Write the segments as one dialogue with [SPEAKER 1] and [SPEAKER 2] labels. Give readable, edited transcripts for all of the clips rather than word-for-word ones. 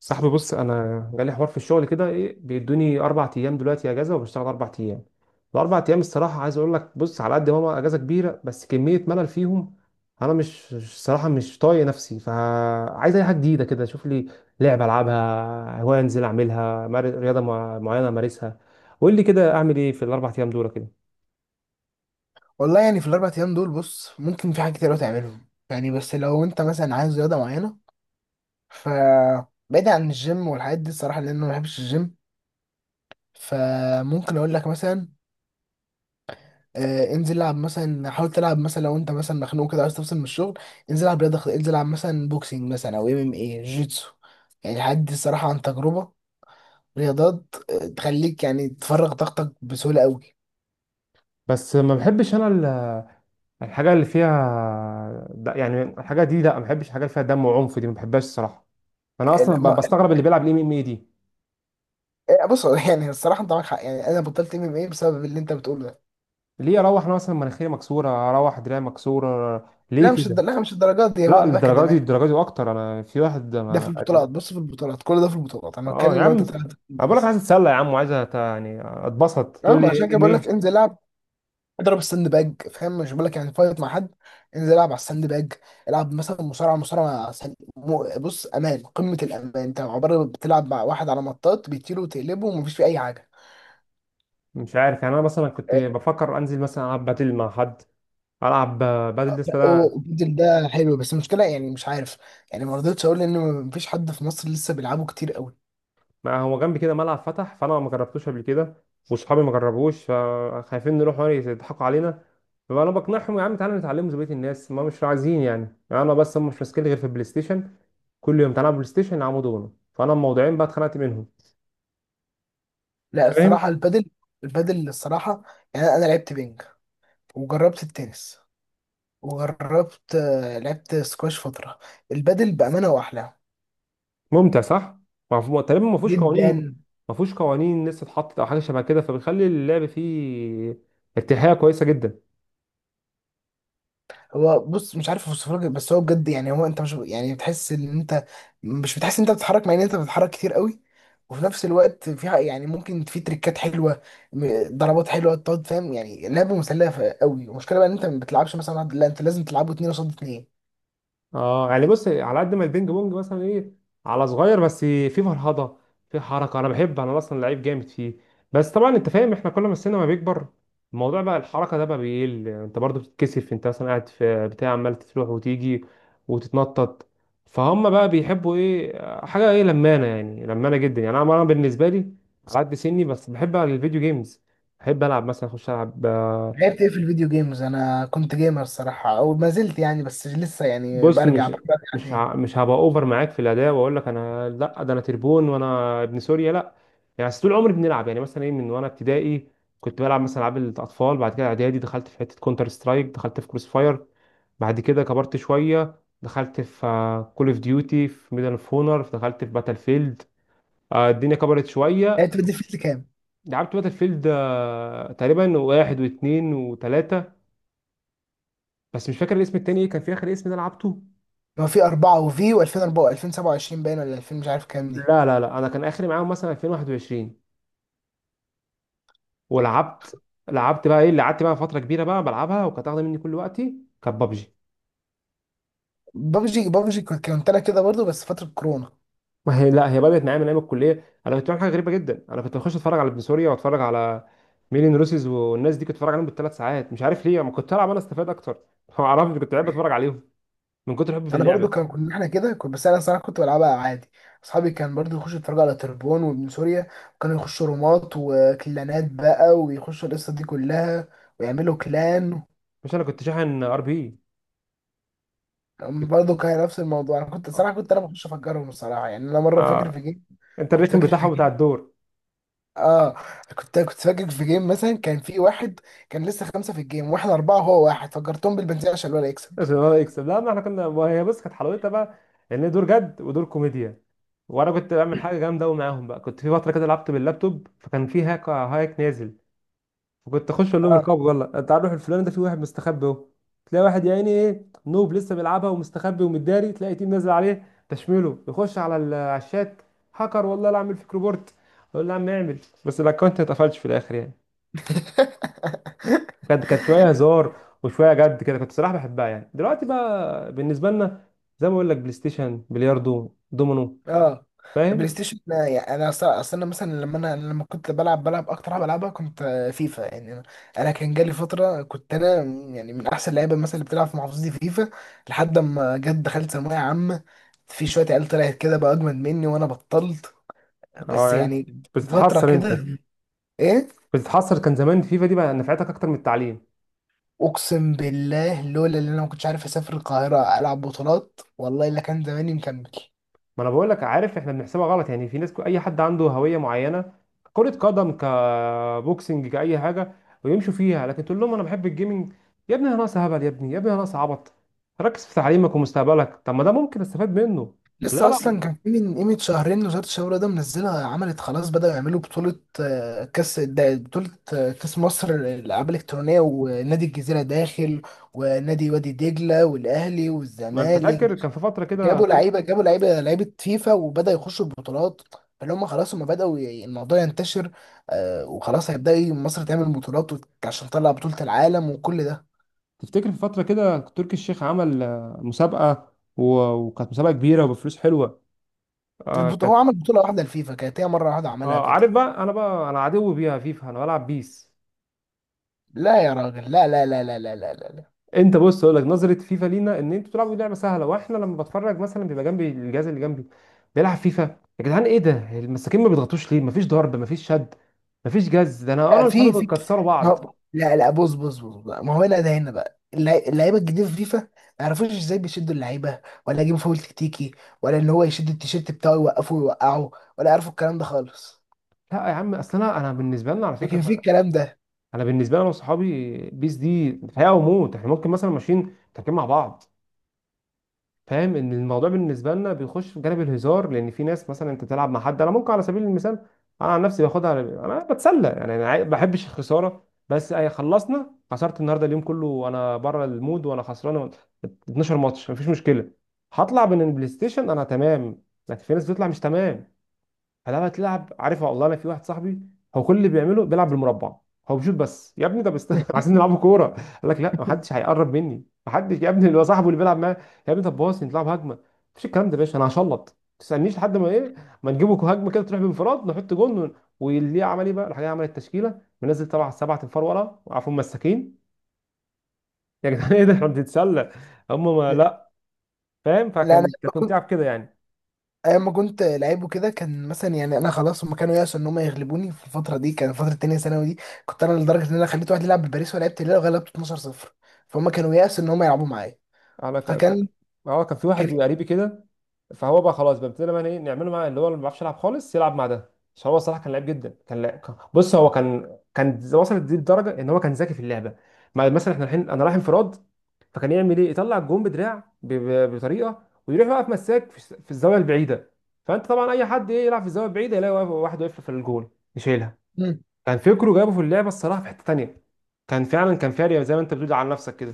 [SPEAKER 1] صاحبي، بص، انا جالي حوار في الشغل كده. ايه، بيدوني اربع ايام دلوقتي اجازه وبشتغل اربع ايام. الاربع ايام الصراحه عايز اقول لك: بص، على قد ما هو اجازه كبيره، بس كميه ملل فيهم. انا مش الصراحه مش طايق نفسي، فعايز اي حاجه جديده كده اشوف لي، لعبه العبها هوايه، انزل اعملها، رياضه معينه امارسها. قول لي كده، اعمل ايه في الاربع ايام دول كده؟
[SPEAKER 2] والله يعني في الاربع ايام دول، بص ممكن في حاجات كتير أوي تعملهم يعني. بس لو انت مثلا عايز رياضه معينه ف بعيد عن الجيم والحاجات دي الصراحه، لان انا ما بحبش الجيم. فممكن اقول لك مثلا انزل العب، مثلا حاول تلعب، مثلا لو انت مثلا مخنوق كده عايز تفصل من الشغل انزل العب رياضه انزل العب مثلا بوكسينج، مثلا او ام ام اي، جيتسو يعني. الحاجات دي الصراحه عن تجربه، رياضات تخليك يعني تفرغ طاقتك بسهوله قوي.
[SPEAKER 1] بس ما بحبش الحاجه اللي فيها يعني الحاجه دي، لا، ما بحبش الحاجه اللي فيها دم وعنف دي، ما بحبهاش الصراحه. انا اصلا
[SPEAKER 2] ال- ما-
[SPEAKER 1] بستغرب اللي بيلعب الام ام اي دي،
[SPEAKER 2] بص يعني الصراحه انت معاك حق، يعني انا بطلت ام ام اي بسبب اللي انت بتقوله ده.
[SPEAKER 1] ليه اروح انا مثلا مناخيري مكسوره، اروح دراعي مكسوره؟
[SPEAKER 2] لا
[SPEAKER 1] ليه
[SPEAKER 2] مش
[SPEAKER 1] كده؟
[SPEAKER 2] لا مش الدرجات دي، هو
[SPEAKER 1] لا
[SPEAKER 2] بيبقى
[SPEAKER 1] الدرجه دي،
[SPEAKER 2] كدمات.
[SPEAKER 1] الدرجه دي واكتر، انا في واحد
[SPEAKER 2] ده في
[SPEAKER 1] ما.
[SPEAKER 2] البطولات، بص في البطولات، كل ده في البطولات، انا
[SPEAKER 1] اه يا
[SPEAKER 2] بتكلم لو
[SPEAKER 1] عم،
[SPEAKER 2] انت طلعت.
[SPEAKER 1] انا بقول لك عايز
[SPEAKER 2] بس
[SPEAKER 1] اتسلى يا عم، وعايز يعني اتبسط،
[SPEAKER 2] اه،
[SPEAKER 1] تقول
[SPEAKER 2] ما
[SPEAKER 1] لي
[SPEAKER 2] عشان كده
[SPEAKER 1] ام ام
[SPEAKER 2] بقول لك
[SPEAKER 1] اي؟
[SPEAKER 2] انزل العب، اضرب الساند باج. فاهم؟ مش بقول لك يعني فايت مع حد، انزل العب على الساند باج. العب مثلا مصارعه، مصارعه بص امان، قمه الامان، انت عباره بتلعب مع واحد على مطاط بيطير وتقلبه ومفيش فيه اي حاجه.
[SPEAKER 1] مش عارف، يعني انا مثلا كنت بفكر انزل مثلا العب باتل مع حد، العب باتل لسه ده.
[SPEAKER 2] البدل ده حلو، بس المشكله يعني مش عارف، يعني ما رضيتش اقول ان مفيش حد في مصر لسه بيلعبه كتير قوي.
[SPEAKER 1] ما هو جنبي كده ملعب فتح، فانا ما جربتوش قبل كده، وصحابي ما جربوش، فخايفين نروح هناك يضحكوا علينا، فانا بقنعهم: يا عم تعالى نتعلمه زي بقيه الناس، ما مش عايزين يعني، يعني انا بس هم مش ماسكين غير في البلاي ستيشن، كل يوم تعالى بلاي ستيشن يلعبوا دومينو، فانا الموضوعين بقى اتخنقت منهم.
[SPEAKER 2] لا
[SPEAKER 1] فاهم؟
[SPEAKER 2] الصراحه البدل، البدل الصراحه، يعني انا لعبت بينج، وجربت التنس، وجربت لعبت سكواش فترة. البادل بأمانة هو أحلى.
[SPEAKER 1] ممتع صح. ما هو- تقريبا ما فيهوش قوانين،
[SPEAKER 2] جدا.
[SPEAKER 1] ما فيهوش قوانين لسه اتحطت او حاجه شبه كده، فبيخلي اللعب فيه ارتياحيه كويسه جدا.
[SPEAKER 2] هو بص مش عارف اوصفه لك، بس هو بجد يعني، هو انت مش يعني بتحس ان انت، مش بتحس ان انت بتتحرك مع ان انت بتتحرك كتير قوي. وفي نفس الوقت فيها يعني ممكن في تريكات حلوه، ضربات حلوه تقعد. فاهم يعني لعبه مسليه قوي. المشكله بقى ان انت ما بتلعبش مثلا واحد، لا انت لازم تلعبه اتنين قصاد اتنين.
[SPEAKER 1] اه، يعني بص، على قد ما البينج بونج مثلا ايه، على صغير، بس في فرهضه، في حركه، انا بحب، انا اصلا لعيب جامد فيه، بس طبعا انت فاهم، احنا كل ما السن ما بيكبر، الموضوع بقى الحركه ده بقى بيقل، انت برضو بتتكسف، انت مثلا قاعد في بتاع عمال تروح وتيجي وتتنطط، فهم بقى بيحبوا ايه، حاجه ايه، لمانه، يعني لمانه جدا. يعني انا بالنسبه لي، على قد سني بس بحب العب الفيديو جيمز، بحب العب مثلا اخش العب.
[SPEAKER 2] لعبت ايه في الفيديو جيمز؟ انا كنت جيمر الصراحه، او ما زلت يعني، بس لسه يعني
[SPEAKER 1] بص
[SPEAKER 2] برجع
[SPEAKER 1] مش،
[SPEAKER 2] برجع تاني.
[SPEAKER 1] هبقى اوفر معاك في الاداء واقول لك انا لا، ده انا تربون وانا ابن سوريا، لا. يعني بس طول عمري بنلعب، يعني مثلا ايه، من وانا ابتدائي كنت بلعب مثلا العاب الاطفال، بعد كده اعدادي دخلت في حته كونتر سترايك، دخلت في كروس فاير، بعد كده كبرت شويه، دخلت في كول اوف ديوتي، في ميدل اوف اونر، دخلت في باتل فيلد. الدنيا كبرت
[SPEAKER 2] يعني
[SPEAKER 1] شويه.
[SPEAKER 2] انت بتضيف لي كام؟
[SPEAKER 1] لعبت باتل فيلد، تقريبا واحد واثنين وثلاثه، بس مش فاكر الاسم التاني ايه كان، في اخر اسم ده لعبته.
[SPEAKER 2] ما في 4، وفي و2004 و2027 باين، ولا 2000 مش عارف كام دي.
[SPEAKER 1] لا لا لا، انا كان اخري معاهم مثلا 2021. ولعبت لعبت بقى ايه اللي قعدت بقى فتره كبيره بقى بلعبها وكانت واخده مني كل وقتي، كانت بابجي.
[SPEAKER 2] بابجي، بابجي كنت انا كده برضو، بس فترة كورونا.
[SPEAKER 1] ما هي لا، هي بدات معايا من ايام الكليه. انا كنت بعمل حاجه غريبه جدا، انا كنت بخش اتفرج على ابن سوريا، واتفرج على ميلين روسيز والناس دي، كنت اتفرج عليهم بالثلاث ساعات، مش عارف ليه، ما كنت العب انا استفاد اكتر؟ ما اعرفش، كنت بحب اتفرج عليهم من كتر حبي في
[SPEAKER 2] انا
[SPEAKER 1] اللعبه.
[SPEAKER 2] برضو كان كنا احنا كده، كنت بس انا الصراحة كنت بلعبها عادي. اصحابي كان برضو يخشوا يتفرجوا على تربون وابن سوريا، وكانوا يخشوا رومات وكلانات بقى، ويخشوا القصة دي كلها ويعملوا كلان.
[SPEAKER 1] مش، انا كنت شاحن ار بي.
[SPEAKER 2] برضو كان نفس الموضوع، انا كنت
[SPEAKER 1] اه.
[SPEAKER 2] الصراحة، كنت انا بخش افجرهم الصراحة. يعني انا مرة فاكر
[SPEAKER 1] آه،
[SPEAKER 2] في جيم،
[SPEAKER 1] انت
[SPEAKER 2] كنت
[SPEAKER 1] الريتم
[SPEAKER 2] فاكر في
[SPEAKER 1] بتاعها بتاع
[SPEAKER 2] جيم.
[SPEAKER 1] الدور.
[SPEAKER 2] اه، كنت كنت فاكر في جيم مثلا، كان في واحد كان لسه خمسه في الجيم واحنا اربعه، هو واحد، فجرتهم بالبنزين عشان الولد يكسب.
[SPEAKER 1] عشان هو يكسب؟ لا، ما احنا كنا، وهي بص كانت حلاوتها بقى ان هي دور جد ودور كوميديا. وانا كنت بعمل حاجه جامده قوي معاهم بقى، كنت في فتره كده لعبت باللابتوب، فكان في هاك، هاك نازل، فكنت اخش اقول لهم:
[SPEAKER 2] اه.
[SPEAKER 1] اركبوا يلا، تعالوا نروح الفلان ده، في واحد مستخبي اهو. تلاقي واحد يا عيني ايه، نوب لسه بيلعبها ومستخبي ومداري، تلاقي تيم نازل عليه تشميله، يخش على على الشات: هاكر، والله لا اعمل فيك ريبورت. اقول له: يا عم اعمل. بس الاكونت ما اتقفلش في الاخر يعني. كانت شويه هزار وشويه جد، كده كنت صراحه بحبها. يعني دلوقتي بقى بالنسبه لنا، زي ما بقول لك، بلاي ستيشن، بلياردو، دومينو.
[SPEAKER 2] اه، بلاي
[SPEAKER 1] فاهم؟
[SPEAKER 2] ستيشن يعني انا اصلا، أصل انا مثلا لما انا لما كنت بلعب، بلعب اكتر حاجه بلعبها كنت فيفا. يعني انا كان جالي فتره كنت انا يعني من احسن اللعيبه مثلا اللي بتلعب في محافظتي في فيفا، لحد ما جت دخلت ثانويه عامه، في شويه عيال طلعت كده بقى اجمد مني وانا بطلت.
[SPEAKER 1] اه،
[SPEAKER 2] بس
[SPEAKER 1] يعني انت
[SPEAKER 2] يعني فتره
[SPEAKER 1] بتتحسر،
[SPEAKER 2] كده.
[SPEAKER 1] انت
[SPEAKER 2] ايه،
[SPEAKER 1] بتتحسر، كان زمان فيفا دي بقى نفعتك اكتر من التعليم.
[SPEAKER 2] اقسم بالله لولا اللي انا ما كنتش عارف اسافر القاهره العب بطولات، والله الا كان زماني مكمل.
[SPEAKER 1] ما انا بقول لك، عارف احنا بنحسبها غلط، يعني في ناس، اي حد عنده هويه معينه، كرة قدم، كبوكسنج، كأي حاجة، ويمشوا فيها، لكن تقول لهم أنا بحب الجيمنج، يا ابني أنا ناقص هبل، يا ابني، يا ابني أنا ناقص عبط، ركز في تعليمك ومستقبلك، طب ما ده ممكن استفاد منه. لا
[SPEAKER 2] لسه
[SPEAKER 1] لا،
[SPEAKER 2] اصلا كان في من قيمه شهرين، وزاره الشباب ده منزلها، عملت خلاص بداوا يعملوا بطوله بطوله كاس مصر الالعاب الالكترونيه، ونادي الجزيره داخل، ونادي وادي دجله والاهلي
[SPEAKER 1] ما انت فاكر
[SPEAKER 2] والزمالك.
[SPEAKER 1] كان في فتره كده
[SPEAKER 2] جابوا
[SPEAKER 1] ترك،
[SPEAKER 2] لعيبه، جابوا لعيبه، لعيبه فيفا، وبدأ يخشوا البطولات. فاللي هم خلاص هم الموضوع ينتشر، آه وخلاص مصر تعمل بطولات عشان تطلع بطولة العالم وكل ده.
[SPEAKER 1] تفتكر في فتره كده تركي الشيخ عمل، مسابقه وكانت مسابقه كبيره وبفلوس حلوه. آه
[SPEAKER 2] هو
[SPEAKER 1] كانت.
[SPEAKER 2] عمل بطولة واحدة لفيفا، كانت هي مرة واحدة عملها
[SPEAKER 1] اه عارف
[SPEAKER 2] كده.
[SPEAKER 1] بقى، انا بقى انا عدو بيها فيفا، انا بلعب بيس.
[SPEAKER 2] لا يا راجل، لا لا لا لا لا لا لا لا.
[SPEAKER 1] انت بص اقول لك، نظره فيفا لينا ان انتوا بتلعبوا لعبه سهله، واحنا لما بتفرج مثلا، بيبقى جنبي الجهاز اللي جنبي بيلعب فيفا: يا جدعان ايه ده، المساكين ما بيضغطوش ليه، مفيش ضرب، مفيش شد، مفيش جز. ده انا، انا
[SPEAKER 2] لا،
[SPEAKER 1] واصحابي
[SPEAKER 2] في في،
[SPEAKER 1] بنكسروا
[SPEAKER 2] ما...
[SPEAKER 1] بعض.
[SPEAKER 2] هو- لا لا، بص بص بص بقى. ما هو هنا، ده هنا بقى اللعيبه الجديده في فيفا ما يعرفوش ازاي بيشدوا اللعيبه، ولا يجيبوا فاول تكتيكي، ولا ان هو يشد التيشيرت بتاعه يوقفه ويوقعه، ولا يعرفوا الكلام ده خالص.
[SPEAKER 1] لا يا عم، اصل انا، انا بالنسبه لنا على
[SPEAKER 2] لكن في
[SPEAKER 1] فكره،
[SPEAKER 2] الكلام ده.
[SPEAKER 1] انا بالنسبه لي انا وصحابي، بيس دي حياه وموت، احنا ممكن مثلا ماشيين تركب مع بعض، فاهم، ان الموضوع بالنسبه لنا بيخش في جانب الهزار، لان في ناس مثلا انت تلعب مع حد، انا ممكن على سبيل المثال، انا عن نفسي باخدها انا بتسلى، يعني انا ما بحبش الخساره، بس اي خلصنا، خسرت النهارده اليوم كله وانا بره المود، وانا خسران 12 ماتش، مفيش مشكله، هطلع من البلاي ستيشن انا تمام، لكن في ناس بتطلع مش تمام. فلما تلعب عارفها، والله انا في واحد صاحبي، هو كل اللي بيعمله بيلعب بالمربع، هو بيشوط بس، يا ابني ده عايزين نلعبوا كوره، قال لك لا، محدش هيقرب مني محدش، يا ابني اللي هو صاحبه اللي بيلعب معاه، يا ابني طب باص نلعب هجمه، مفيش الكلام ده يا باشا، انا هشلط، ما تسالنيش لحد ما ايه، ما نجيبه هجمه كده تروح بانفراد نحط جون واللي عمل ايه بقى، راح جاي عمل التشكيله منزل طبعا سبعه انفار ورا، وقعوا مساكين. يا جدعان ايه ده، احنا بنتسلى هم ما لا. فاهم؟
[SPEAKER 2] لا انا
[SPEAKER 1] كانت ممتعه
[SPEAKER 2] كنت
[SPEAKER 1] بكده يعني.
[SPEAKER 2] ايام ما كنت لعيب وكده، كان مثلا يعني انا خلاص هم كانوا يأسوا ان هم يغلبوني في الفتره دي، كان فتره تانية ثانوي دي. كنت انا لدرجه ان انا خليت واحد يلعب بباريس ولعبت الهلال وغلبته 12 0. فهم كانوا يأسوا ان هم يلعبوا معايا.
[SPEAKER 1] انا ك... ك...
[SPEAKER 2] فكان،
[SPEAKER 1] اه، كان في
[SPEAKER 2] كان،
[SPEAKER 1] واحد قريبي كده، فهو بقى خلاص بقى، ابتدينا بقى ايه نعمله مع اللي هو، اللي ما بيعرفش يلعب خالص يلعب مع ده، عشان هو الصراحه كان لعيب جدا، كان لعب. بص هو كان، وصلت دي لدرجه ان هو كان ذكي في اللعبه. مع مثلا احنا الحين انا رايح انفراد، فكان يعمل ايه، يطلع الجون بدراع بطريقه، ويروح واقف مساك في الزاويه البعيده، فانت طبعا اي حد ايه يلعب في الزاويه البعيده، يلاقي واحد واقف في الجول يشيلها. كان فكره جابه في اللعبه الصراحه في حته تانيه، كان فعلا كان فارق، زي ما انت بتقول على نفسك كده.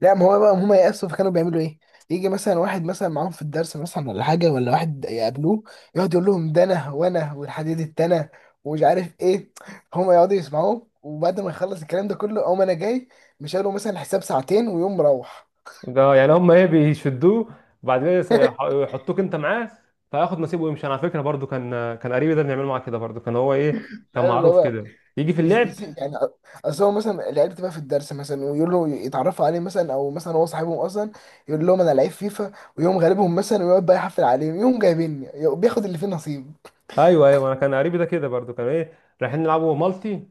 [SPEAKER 2] لا ما هو بقى هم يأسوا، فكانوا بيعملوا ايه؟ يجي مثلا واحد مثلا معاهم في الدرس مثلا ولا حاجة، ولا واحد يقابلوه، يقعد يقول لهم ده انا وانا والحديد التانى ومش عارف ايه. هم يقعدوا يسمعوه، وبعد ما يخلص الكلام ده كله اقوم انا جاي، مش قالوا مثلا حساب ساعتين، ويقوم مروح.
[SPEAKER 1] ده يعني هم ايه بيشدوه، وبعد كده يحطوك انت معاه، فياخد نصيبه ويمشي. انا على فكره برضو كان، قريبي ده بنعمله معاه كده برضو، كان هو ايه، كان
[SPEAKER 2] فاهم اللي
[SPEAKER 1] معروف
[SPEAKER 2] هو
[SPEAKER 1] كده يجي في اللعب.
[SPEAKER 2] يعني اصل هو مثلا العيال بتبقى في الدرس مثلا، ويقول له يتعرفوا عليه مثلا، او مثلا هو صاحبهم اصلا، يقول لهم انا لعيب فيفا، ويقوم غالبهم مثلا، ويقعد بقى يحفل عليهم، يقوم جايبيني، يقوم بياخد اللي فيه نصيب.
[SPEAKER 1] ايوه ايوه، انا كان قريبي ده كده برضو، كان ايه، رايحين نلعبوا مالتي،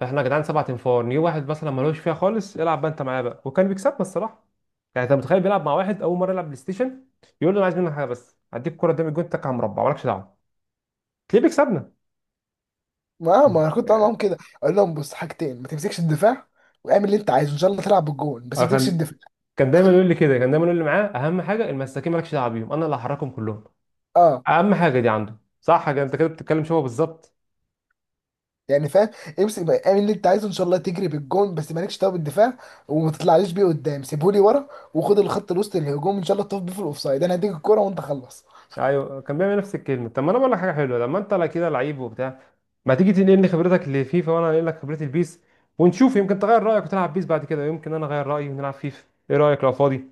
[SPEAKER 1] فاحنا يا جدعان سبع تنفار، نجيب واحد مثلا ملوش فيها خالص يلعب بقى انت معاه بقى، وكان بيكسبنا الصراحه. يعني انت متخيل، بيلعب مع واحد اول مره يلعب بلاي ستيشن، يقول له: انا عايز منك حاجه بس، هديك الكوره قدام الجون، تك على مربع مالكش دعوه، تلاقيه بيكسبنا.
[SPEAKER 2] ما انا كنت عامل معاهم كده، اقول لهم بص حاجتين، ما تمسكش الدفاع، واعمل اللي انت عايزه ان شاء الله تلعب بالجون، بس
[SPEAKER 1] آه،
[SPEAKER 2] ما تمسكش
[SPEAKER 1] كان
[SPEAKER 2] الدفاع.
[SPEAKER 1] كان دايما يقول لي كده، كان دايما يقول لي معاه: اهم حاجه المساكين مالكش دعوه بيهم، انا اللي هحركهم كلهم،
[SPEAKER 2] اه
[SPEAKER 1] اهم حاجه دي عنده. صح كده، انت كده بتتكلم شبه بالظبط.
[SPEAKER 2] يعني فاهم، امسك بقى اعمل اللي انت عايزه ان شاء الله تجري بالجون، بس مالكش دعوه بالدفاع، وما تطلعليش بيه قدام سيبهولي ورا، وخد الخط الوسط الهجوم ان شاء الله تقف بيه في الاوفسايد، انا هديك الكوره وانت خلص.
[SPEAKER 1] ايوه، كان بيعمل نفس الكلمه. طب ما انا بقول لك حاجه حلوه، لما انت لا كده لعيب وبتاع، ما تيجي تنقلني خبرتك لفيفا، وانا انقل لك خبرتي البيس، ونشوف، يمكن تغير رايك وتلعب بيس بعد كده، يمكن انا اغير رايي ونلعب فيفا. ايه رايك لو فاضي؟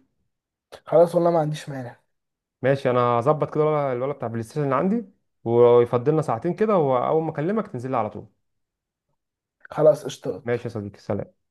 [SPEAKER 2] خلاص والله ما عنديش مانع.
[SPEAKER 1] ماشي، انا هظبط كده الولد، بتاع بلاي ستيشن اللي عندي، ويفضلنا ساعتين كده، واول ما اكلمك تنزل لي على طول.
[SPEAKER 2] خلاص اشتغل.
[SPEAKER 1] ماشي يا صديقي، سلام.